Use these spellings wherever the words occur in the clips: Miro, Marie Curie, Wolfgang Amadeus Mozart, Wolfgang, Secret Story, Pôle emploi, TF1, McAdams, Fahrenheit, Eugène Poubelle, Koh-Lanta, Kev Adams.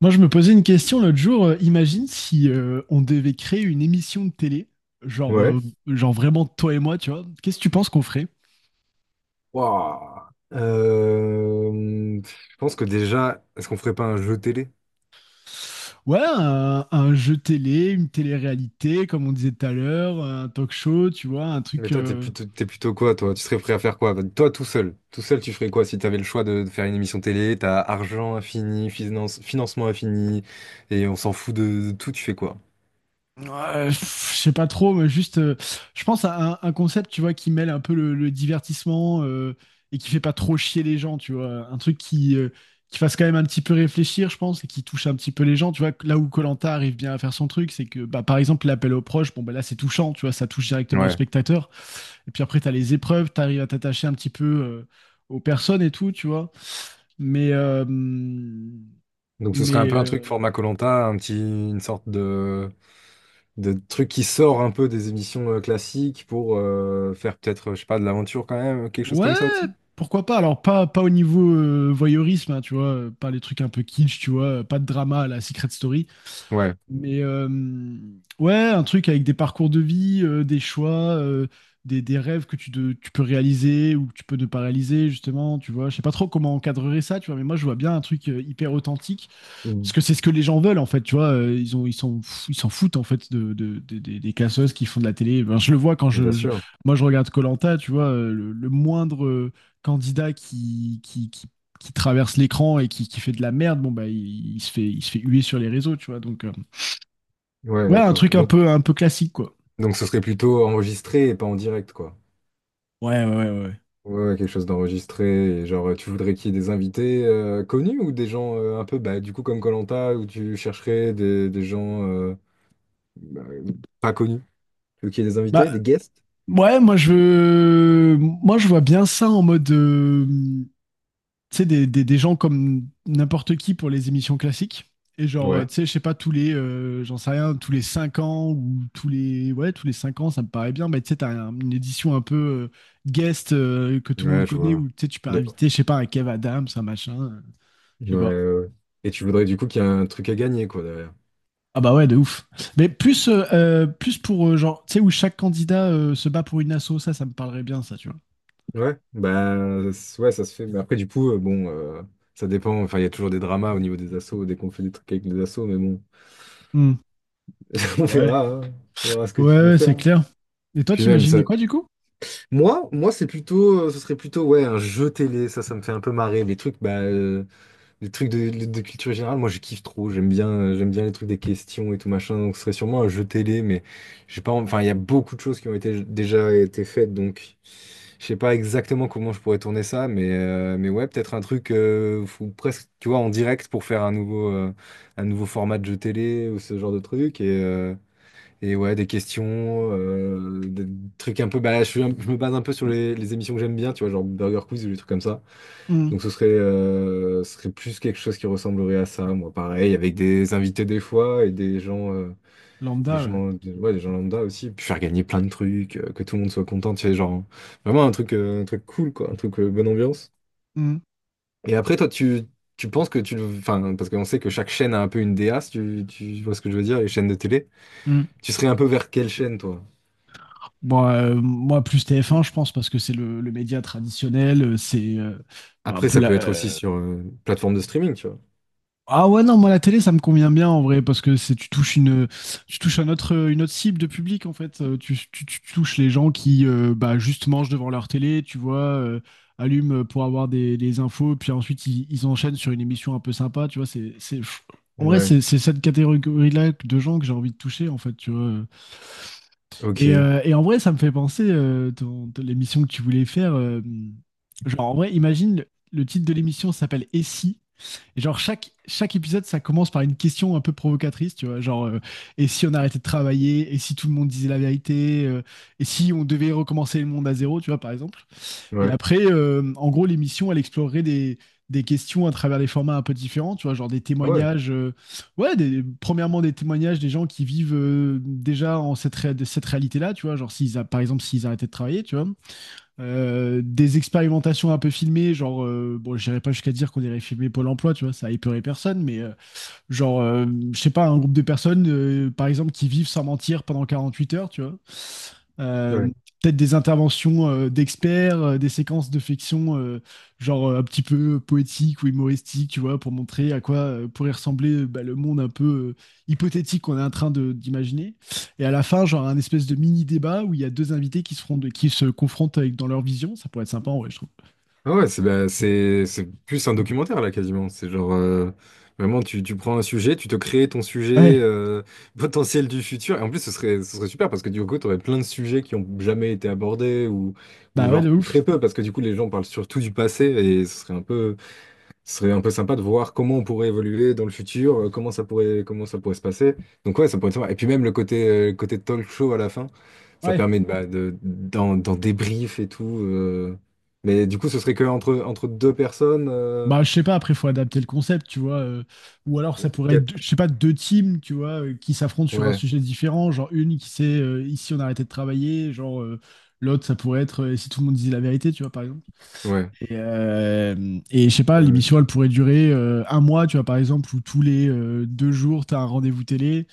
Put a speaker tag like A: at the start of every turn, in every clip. A: Moi, je me posais une question l'autre jour. Imagine si on devait créer une émission de télé, genre,
B: Ouais.
A: euh, genre vraiment toi et moi, tu vois. Qu'est-ce que tu penses qu'on ferait?
B: Waouh. Je pense que déjà, est-ce qu'on ferait pas un jeu télé?
A: Ouais, un jeu télé, une télé-réalité, comme on disait tout à l'heure, un talk show, tu vois, un
B: Mais
A: truc.
B: toi, t'es plutôt, t'es plutôt quoi, toi? Tu serais prêt à faire quoi? Bah, toi, tout seul. Tout seul, tu ferais quoi si t'avais le choix de faire une émission télé? T'as argent infini, finance, financement infini, et on s'en fout de tout, tu fais quoi?
A: Ouais, je sais pas trop, mais juste, je pense à un concept, tu vois, qui mêle un peu le divertissement et qui fait pas trop chier les gens, tu vois. Un truc qui fasse quand même un petit peu réfléchir, je pense, et qui touche un petit peu les gens, tu vois. Là où koh arrive bien à faire son truc, c'est que, bah, par exemple, l'appel aux proches, bon, bah là, c'est touchant, tu vois, ça touche directement le
B: Ouais.
A: spectateur. Et puis après, t'as les épreuves, t'arrives à t'attacher un petit peu aux personnes et tout, tu vois. Mais, euh,
B: Donc ce serait un
A: mais,
B: peu un truc
A: euh,
B: format koh un petit, une sorte de truc qui sort un peu des émissions classiques pour faire peut-être, je sais pas, de l'aventure quand même, quelque chose
A: Ouais,
B: comme ça aussi?
A: pourquoi pas? Alors, pas au niveau voyeurisme, hein, tu vois, pas les trucs un peu kitsch, tu vois, pas de drama à la Secret Story,
B: Ouais.
A: mais ouais, un truc avec des parcours de vie, des choix, des rêves que tu peux réaliser ou que tu peux ne pas réaliser, justement, tu vois. Je sais pas trop comment encadrer ça, tu vois, mais moi, je vois bien un truc hyper authentique parce
B: Mm.
A: que c'est ce que les gens veulent en fait, tu vois, ils sont, ils s'en foutent en fait des casseuses qui font de la télé. Ben, je le vois quand
B: Bien sûr.
A: moi je regarde Koh-Lanta, tu vois, le moindre candidat qui traverse l'écran et qui fait de la merde, bon bah il se fait huer sur les réseaux, tu vois. Donc
B: Ouais,
A: ouais, un
B: d'accord.
A: truc
B: Donc,
A: un peu classique quoi.
B: donc ce serait plutôt enregistré et pas en direct, quoi.
A: Ouais, ouais, ouais, ouais.
B: Ouais, ouais, quelque chose d'enregistré. Et genre, tu voudrais qu'il y ait des invités connus ou des gens un peu, bah, du coup, comme koh où tu chercherais des gens bah, pas connus. Tu veux qu'il y ait des invités, des
A: Bah
B: guests?
A: ouais, moi je vois bien ça en mode. Tu sais, des gens comme n'importe qui pour les émissions classiques. Et genre,
B: Ouais.
A: tu sais, je sais pas, j'en sais rien, tous les 5 ans ou tous les, ouais, tous les 5 ans, ça me paraît bien. Mais tu sais, une édition un peu guest que tout le monde
B: Ouais, je
A: connaît
B: vois.
A: où tu sais, tu peux
B: Les-
A: inviter, je sais pas, un Kev Adams, un machin,
B: Ouais,
A: je sais pas.
B: ouais. Ouais. Et tu voudrais, du coup, qu'il y ait un truc à gagner, quoi, derrière.
A: Ah bah ouais, de ouf. Mais plus, plus pour, genre, tu sais, où chaque candidat se bat pour une asso, ça me parlerait bien, ça, tu vois.
B: Ouais, bah, ouais, ça se fait. Mais après, du coup, bon, ça dépend. Enfin, il y a toujours des dramas au niveau des assos, dès qu'on fait des trucs avec des assos, mais bon.
A: Hmm.
B: On
A: Ouais.
B: verra, hein. On verra ce que
A: Ouais,
B: tu veux
A: ouais, c'est
B: faire.
A: clair. Et toi,
B: Puis même,
A: t'imaginais
B: ça,
A: quoi, du coup?
B: moi, c'est plutôt, ce serait plutôt, ouais, un jeu télé. Ça me fait un peu marrer. Les trucs, bah, les trucs de culture générale, moi, je kiffe trop. J'aime bien les trucs des questions et tout machin. Donc, ce serait sûrement un jeu télé, mais j'ai pas, enfin, il y a beaucoup de choses qui ont été déjà été faites, donc je sais pas exactement comment je pourrais tourner ça, mais ouais, peut-être un truc, faut presque, tu vois, en direct pour faire un nouveau format de jeu télé ou ce genre de truc. Et ouais, des questions, des trucs un peu. Bah là, suis je me base un peu sur les émissions que j'aime bien, tu vois, genre Burger Quiz ou des trucs comme ça.
A: Hmm.
B: Donc ce serait plus quelque chose qui ressemblerait à ça, moi, pareil, avec des invités des fois et des
A: Lambda, ouais.
B: gens, ouais, des gens lambda aussi. Puis faire gagner plein de trucs, que tout le monde soit content, tu sais, genre vraiment un truc cool, quoi, un truc bonne ambiance.
A: Hmm.
B: Et après, toi, tu penses que tu, enfin, parce qu'on sait que chaque chaîne a un peu une DA, si tu, tu vois ce que je veux dire, les chaînes de télé.
A: Hmm.
B: Tu serais un peu vers quelle chaîne, toi?
A: Bon, moi, plus TF1, je pense, parce que c'est le média traditionnel, c'est bah, un
B: Après,
A: peu
B: ça
A: la...
B: peut être aussi sur une plateforme de streaming, tu vois.
A: Ah ouais, non, moi, la télé, ça me convient bien, en vrai, parce que c'est tu touches un autre, une autre cible de public, en fait. Tu touches les gens qui, bah, juste mangent devant leur télé, tu vois, allument pour avoir des infos, puis ensuite, ils enchaînent sur une émission un peu sympa, tu vois, en vrai,
B: Ouais.
A: c'est cette catégorie-là de gens que j'ai envie de toucher, en fait, tu vois.
B: Ok.
A: Et en vrai, ça me fait penser l'émission que tu voulais faire. Genre, en vrai, imagine, le titre de l'émission s'appelle Et si? Et genre, chaque épisode, ça commence par une question un peu provocatrice, tu vois. Genre, et si on arrêtait de travailler? Et si tout le monde disait la vérité? Et si on devait recommencer le monde à zéro, tu vois, par exemple? Et
B: Ouais.
A: après, en gros, l'émission, elle explorerait des questions à travers des formats un peu différents, tu vois, genre des
B: Ah ouais.
A: témoignages, ouais, premièrement des témoignages des gens qui vivent déjà en cette, de cette réalité-là, tu vois, genre s'ils a, par exemple s'ils arrêtaient de travailler, tu vois. Des expérimentations un peu filmées, bon, j'irai pas jusqu'à dire qu'on irait filmer Pôle emploi, tu vois, ça épeuré personne, mais genre, euh, je sais pas, un groupe de personnes, par exemple, qui vivent sans mentir pendant 48 heures, tu vois. Euh,
B: Ouais.
A: Peut-être des interventions d'experts, des séquences de fiction, un petit peu poétique ou humoristique, tu vois, pour montrer à quoi pourrait ressembler bah, le monde un peu hypothétique qu'on est d'imaginer. Et à la fin, genre un espèce de mini débat où il y a deux invités qui qui se confrontent avec, dans leur vision. Ça pourrait être sympa, ouais, je trouve.
B: Ah ouais, c'est bah, c'est plus un documentaire là quasiment. C'est genre vraiment tu, tu prends un sujet, tu te crées ton sujet
A: Ouais,
B: potentiel du futur. Et en plus, ce serait super parce que du coup, tu aurais plein de sujets qui ont jamais été abordés ou
A: bah ouais, de
B: genre
A: ouf.
B: très peu parce que du coup, les gens parlent surtout du passé et ce serait un peu ce serait un peu sympa de voir comment on pourrait évoluer dans le futur, comment ça pourrait se passer. Donc ouais, ça pourrait être sympa. Et puis même le côté talk show à la fin, ça
A: Ouais.
B: permet de, bah, d'en, d'en débrief et tout. Mais du coup, ce serait que entre, entre deux personnes,
A: Bah, je sais pas, après, faut adapter le concept, tu vois. Ou alors, ça pourrait être,
B: peut-être.
A: je sais pas, deux teams, tu vois, qui s'affrontent sur un
B: Ouais,
A: sujet différent. Genre, une qui sait, ici, on a arrêté de travailler. L'autre, ça pourrait être, si tout le monde disait la vérité, tu vois, par exemple.
B: ouais,
A: Et je sais pas,
B: ouais,
A: l'émission, elle pourrait durer un mois, tu vois, par exemple, où tous les deux jours, t'as un rendez-vous télé.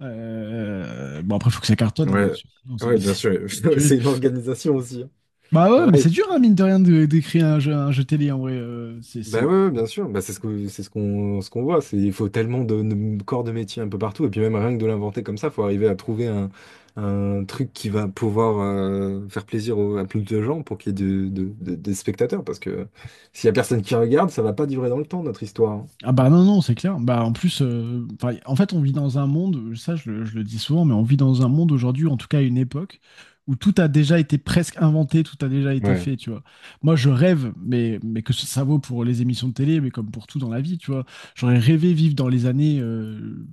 A: Bon, après, faut que ça cartonne, hein, bien
B: ouais,
A: sûr. Sinon,
B: ouais, bien
A: c'est-
B: sûr.
A: c'est-
B: C'est une organisation aussi, hein.
A: Bah ouais, mais
B: Pareil,
A: c'est dur, hein, mine de rien, d'écrire un jeu télé, en vrai.
B: ben oui, oui, bien sûr. Ben, c'est ce que c'est ce qu'on voit. C'est il faut tellement de corps de métier un peu partout. Et puis même rien que de l'inventer comme ça, faut arriver à trouver un truc qui va pouvoir faire plaisir à plus de gens pour qu'il y ait de, des spectateurs. Parce que s'il y a personne qui regarde, ça va pas durer dans le temps notre histoire, hein.
A: Ah bah non, non, c'est clair. Bah en plus, enfin, en fait, on vit dans un monde, je le dis souvent, mais on vit dans un monde aujourd'hui, en tout cas à une époque, où tout a déjà été presque inventé, tout a déjà été
B: Ouais.
A: fait, tu vois. Moi, je rêve, mais que ça vaut pour les émissions de télé, mais comme pour tout dans la vie, tu vois. J'aurais rêvé vivre dans les années,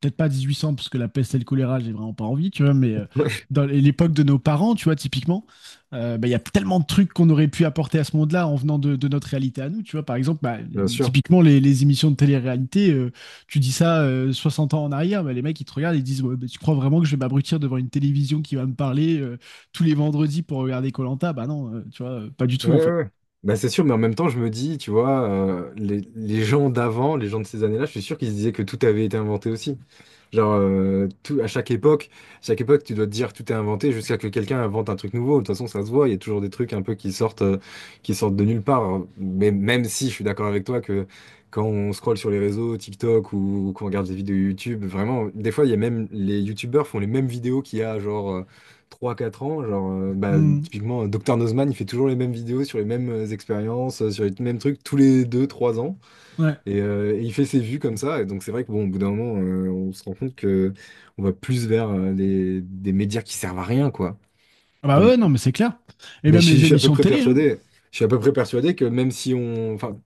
A: peut-être pas 1800, parce que la peste et le choléra, j'ai vraiment pas envie, tu vois, mais dans l'époque de nos parents, tu vois, typiquement bah, il y a tellement de trucs qu'on aurait pu apporter à ce monde-là en venant de notre réalité à nous. Tu vois, par exemple, bah,
B: Bien sûr.
A: typiquement les émissions de télé-réalité, tu dis ça 60 ans en arrière, bah, les mecs ils te regardent et ils disent ouais, bah, tu crois vraiment que je vais m'abrutir devant une télévision qui va me parler tous les vendredis pour regarder koh? Bah non, tu vois, pas du
B: Ouais,
A: tout en
B: ouais,
A: fait.
B: ouais. Bah, c'est sûr, mais en même temps, je me dis, tu vois, les gens d'avant, les gens de ces années-là, je suis sûr qu'ils se disaient que tout avait été inventé aussi. Genre, tout, à chaque époque, tu dois te dire tout est inventé jusqu'à que quelqu'un invente un truc nouveau. De toute façon, ça se voit, il y a toujours des trucs un peu qui sortent de nulle part. Mais même si je suis d'accord avec toi que quand on scrolle sur les réseaux, TikTok ou qu'on regarde des vidéos YouTube, vraiment, des fois, il y a même les YouTubeurs font les mêmes vidéos qu'il y a, genre, trois quatre ans, genre, bah,
A: Mm.
B: typiquement, Dr Nozman, il fait toujours les mêmes vidéos sur les mêmes expériences, sur les mêmes trucs, tous les deux trois ans.
A: Ouais.
B: Et il fait ses vues comme ça. Et donc, c'est vrai que, bon, au bout d'un moment, on se rend compte que on va plus vers des médias qui servent à rien, quoi.
A: Ah bah
B: Donc,
A: ouais, non, mais c'est clair. Et
B: mais je
A: même
B: suis
A: les
B: je suis à peu
A: émissions de
B: près
A: télé, hein.
B: persuadé, je suis à peu près persuadé que même si on, enfin,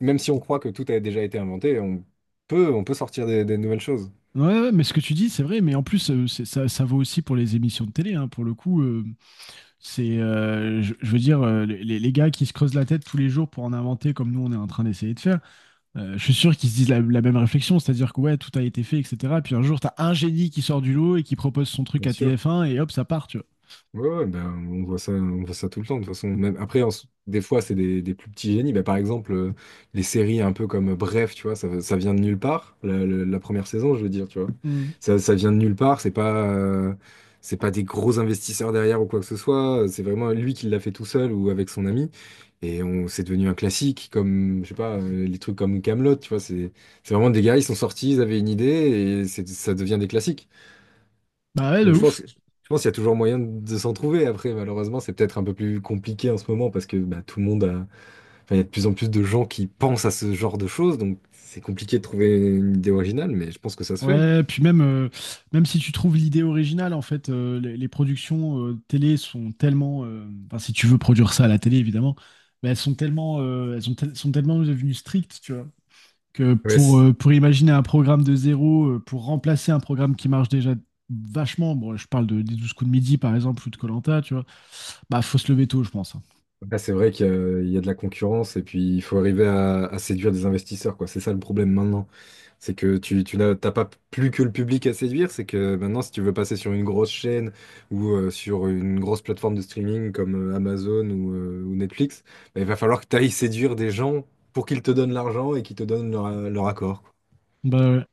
B: même si on croit que tout a déjà été inventé, on peut sortir des nouvelles choses.
A: Ouais, ouais, mais ce que tu dis, c'est vrai, mais en plus, ça, ça vaut aussi pour les émissions de télé, hein, pour le coup. C'est, je veux dire, les gars qui se creusent la tête tous les jours pour en inventer comme nous on est en train d'essayer de faire, je suis sûr qu'ils se disent la même réflexion, c'est-à-dire que ouais, tout a été fait, etc. Puis un jour, t'as un génie qui sort du lot et qui propose son truc
B: Bien
A: à
B: sûr.
A: TF1 et hop, ça part, tu vois.
B: Ouais, ouais, ben, on voit ça tout le temps. De toute façon, même après, des fois, c'est des plus petits génies. Ben, par exemple, les séries un peu comme Bref, tu vois, ça vient de nulle part. La, la première saison, je veux dire, tu vois,
A: Mm.
B: ça vient de nulle part. C'est pas des gros investisseurs derrière ou quoi que ce soit. C'est vraiment lui qui l'a fait tout seul ou avec son ami. Et on, c'est devenu un classique, comme, je sais pas, les trucs comme Camelot, tu vois. C'est vraiment des gars, ils sont sortis, ils avaient une idée et ça devient des classiques.
A: Bah ouais, de
B: Donc
A: ouf.
B: je pense qu'il y a toujours moyen de s'en trouver. Après, malheureusement, c'est peut-être un peu plus compliqué en ce moment parce que bah, tout le monde a... enfin, il y a de plus en plus de gens qui pensent à ce genre de choses, donc c'est compliqué de trouver une idée originale, mais je pense que ça se fait, hein.
A: Ouais, puis même, même si tu trouves l'idée originale, en fait, les productions télé sont tellement, enfin, si tu veux produire ça à la télé, évidemment, mais elles sont tellement, elles sont, tel- sont tellement devenues strictes, tu vois. Que
B: Ouais, c-
A: pour imaginer un programme de zéro, pour remplacer un programme qui marche déjà vachement, bon, je parle de, des 12 coups de midi par exemple, ou de Colanta, tu vois, bah faut se lever tôt, je pense. Hein.
B: bah, c'est vrai qu'il y a il y a de la concurrence et puis il faut arriver à séduire des investisseurs, quoi. C'est ça le problème maintenant. C'est que tu n'as t'as pas plus que le public à séduire, c'est que maintenant, si tu veux passer sur une grosse chaîne ou sur une grosse plateforme de streaming comme Amazon ou Netflix, bah, il va falloir que tu ailles séduire des gens pour qu'ils te donnent l'argent et qu'ils te donnent leur, leur accord, quoi.
A: Bah, ouais.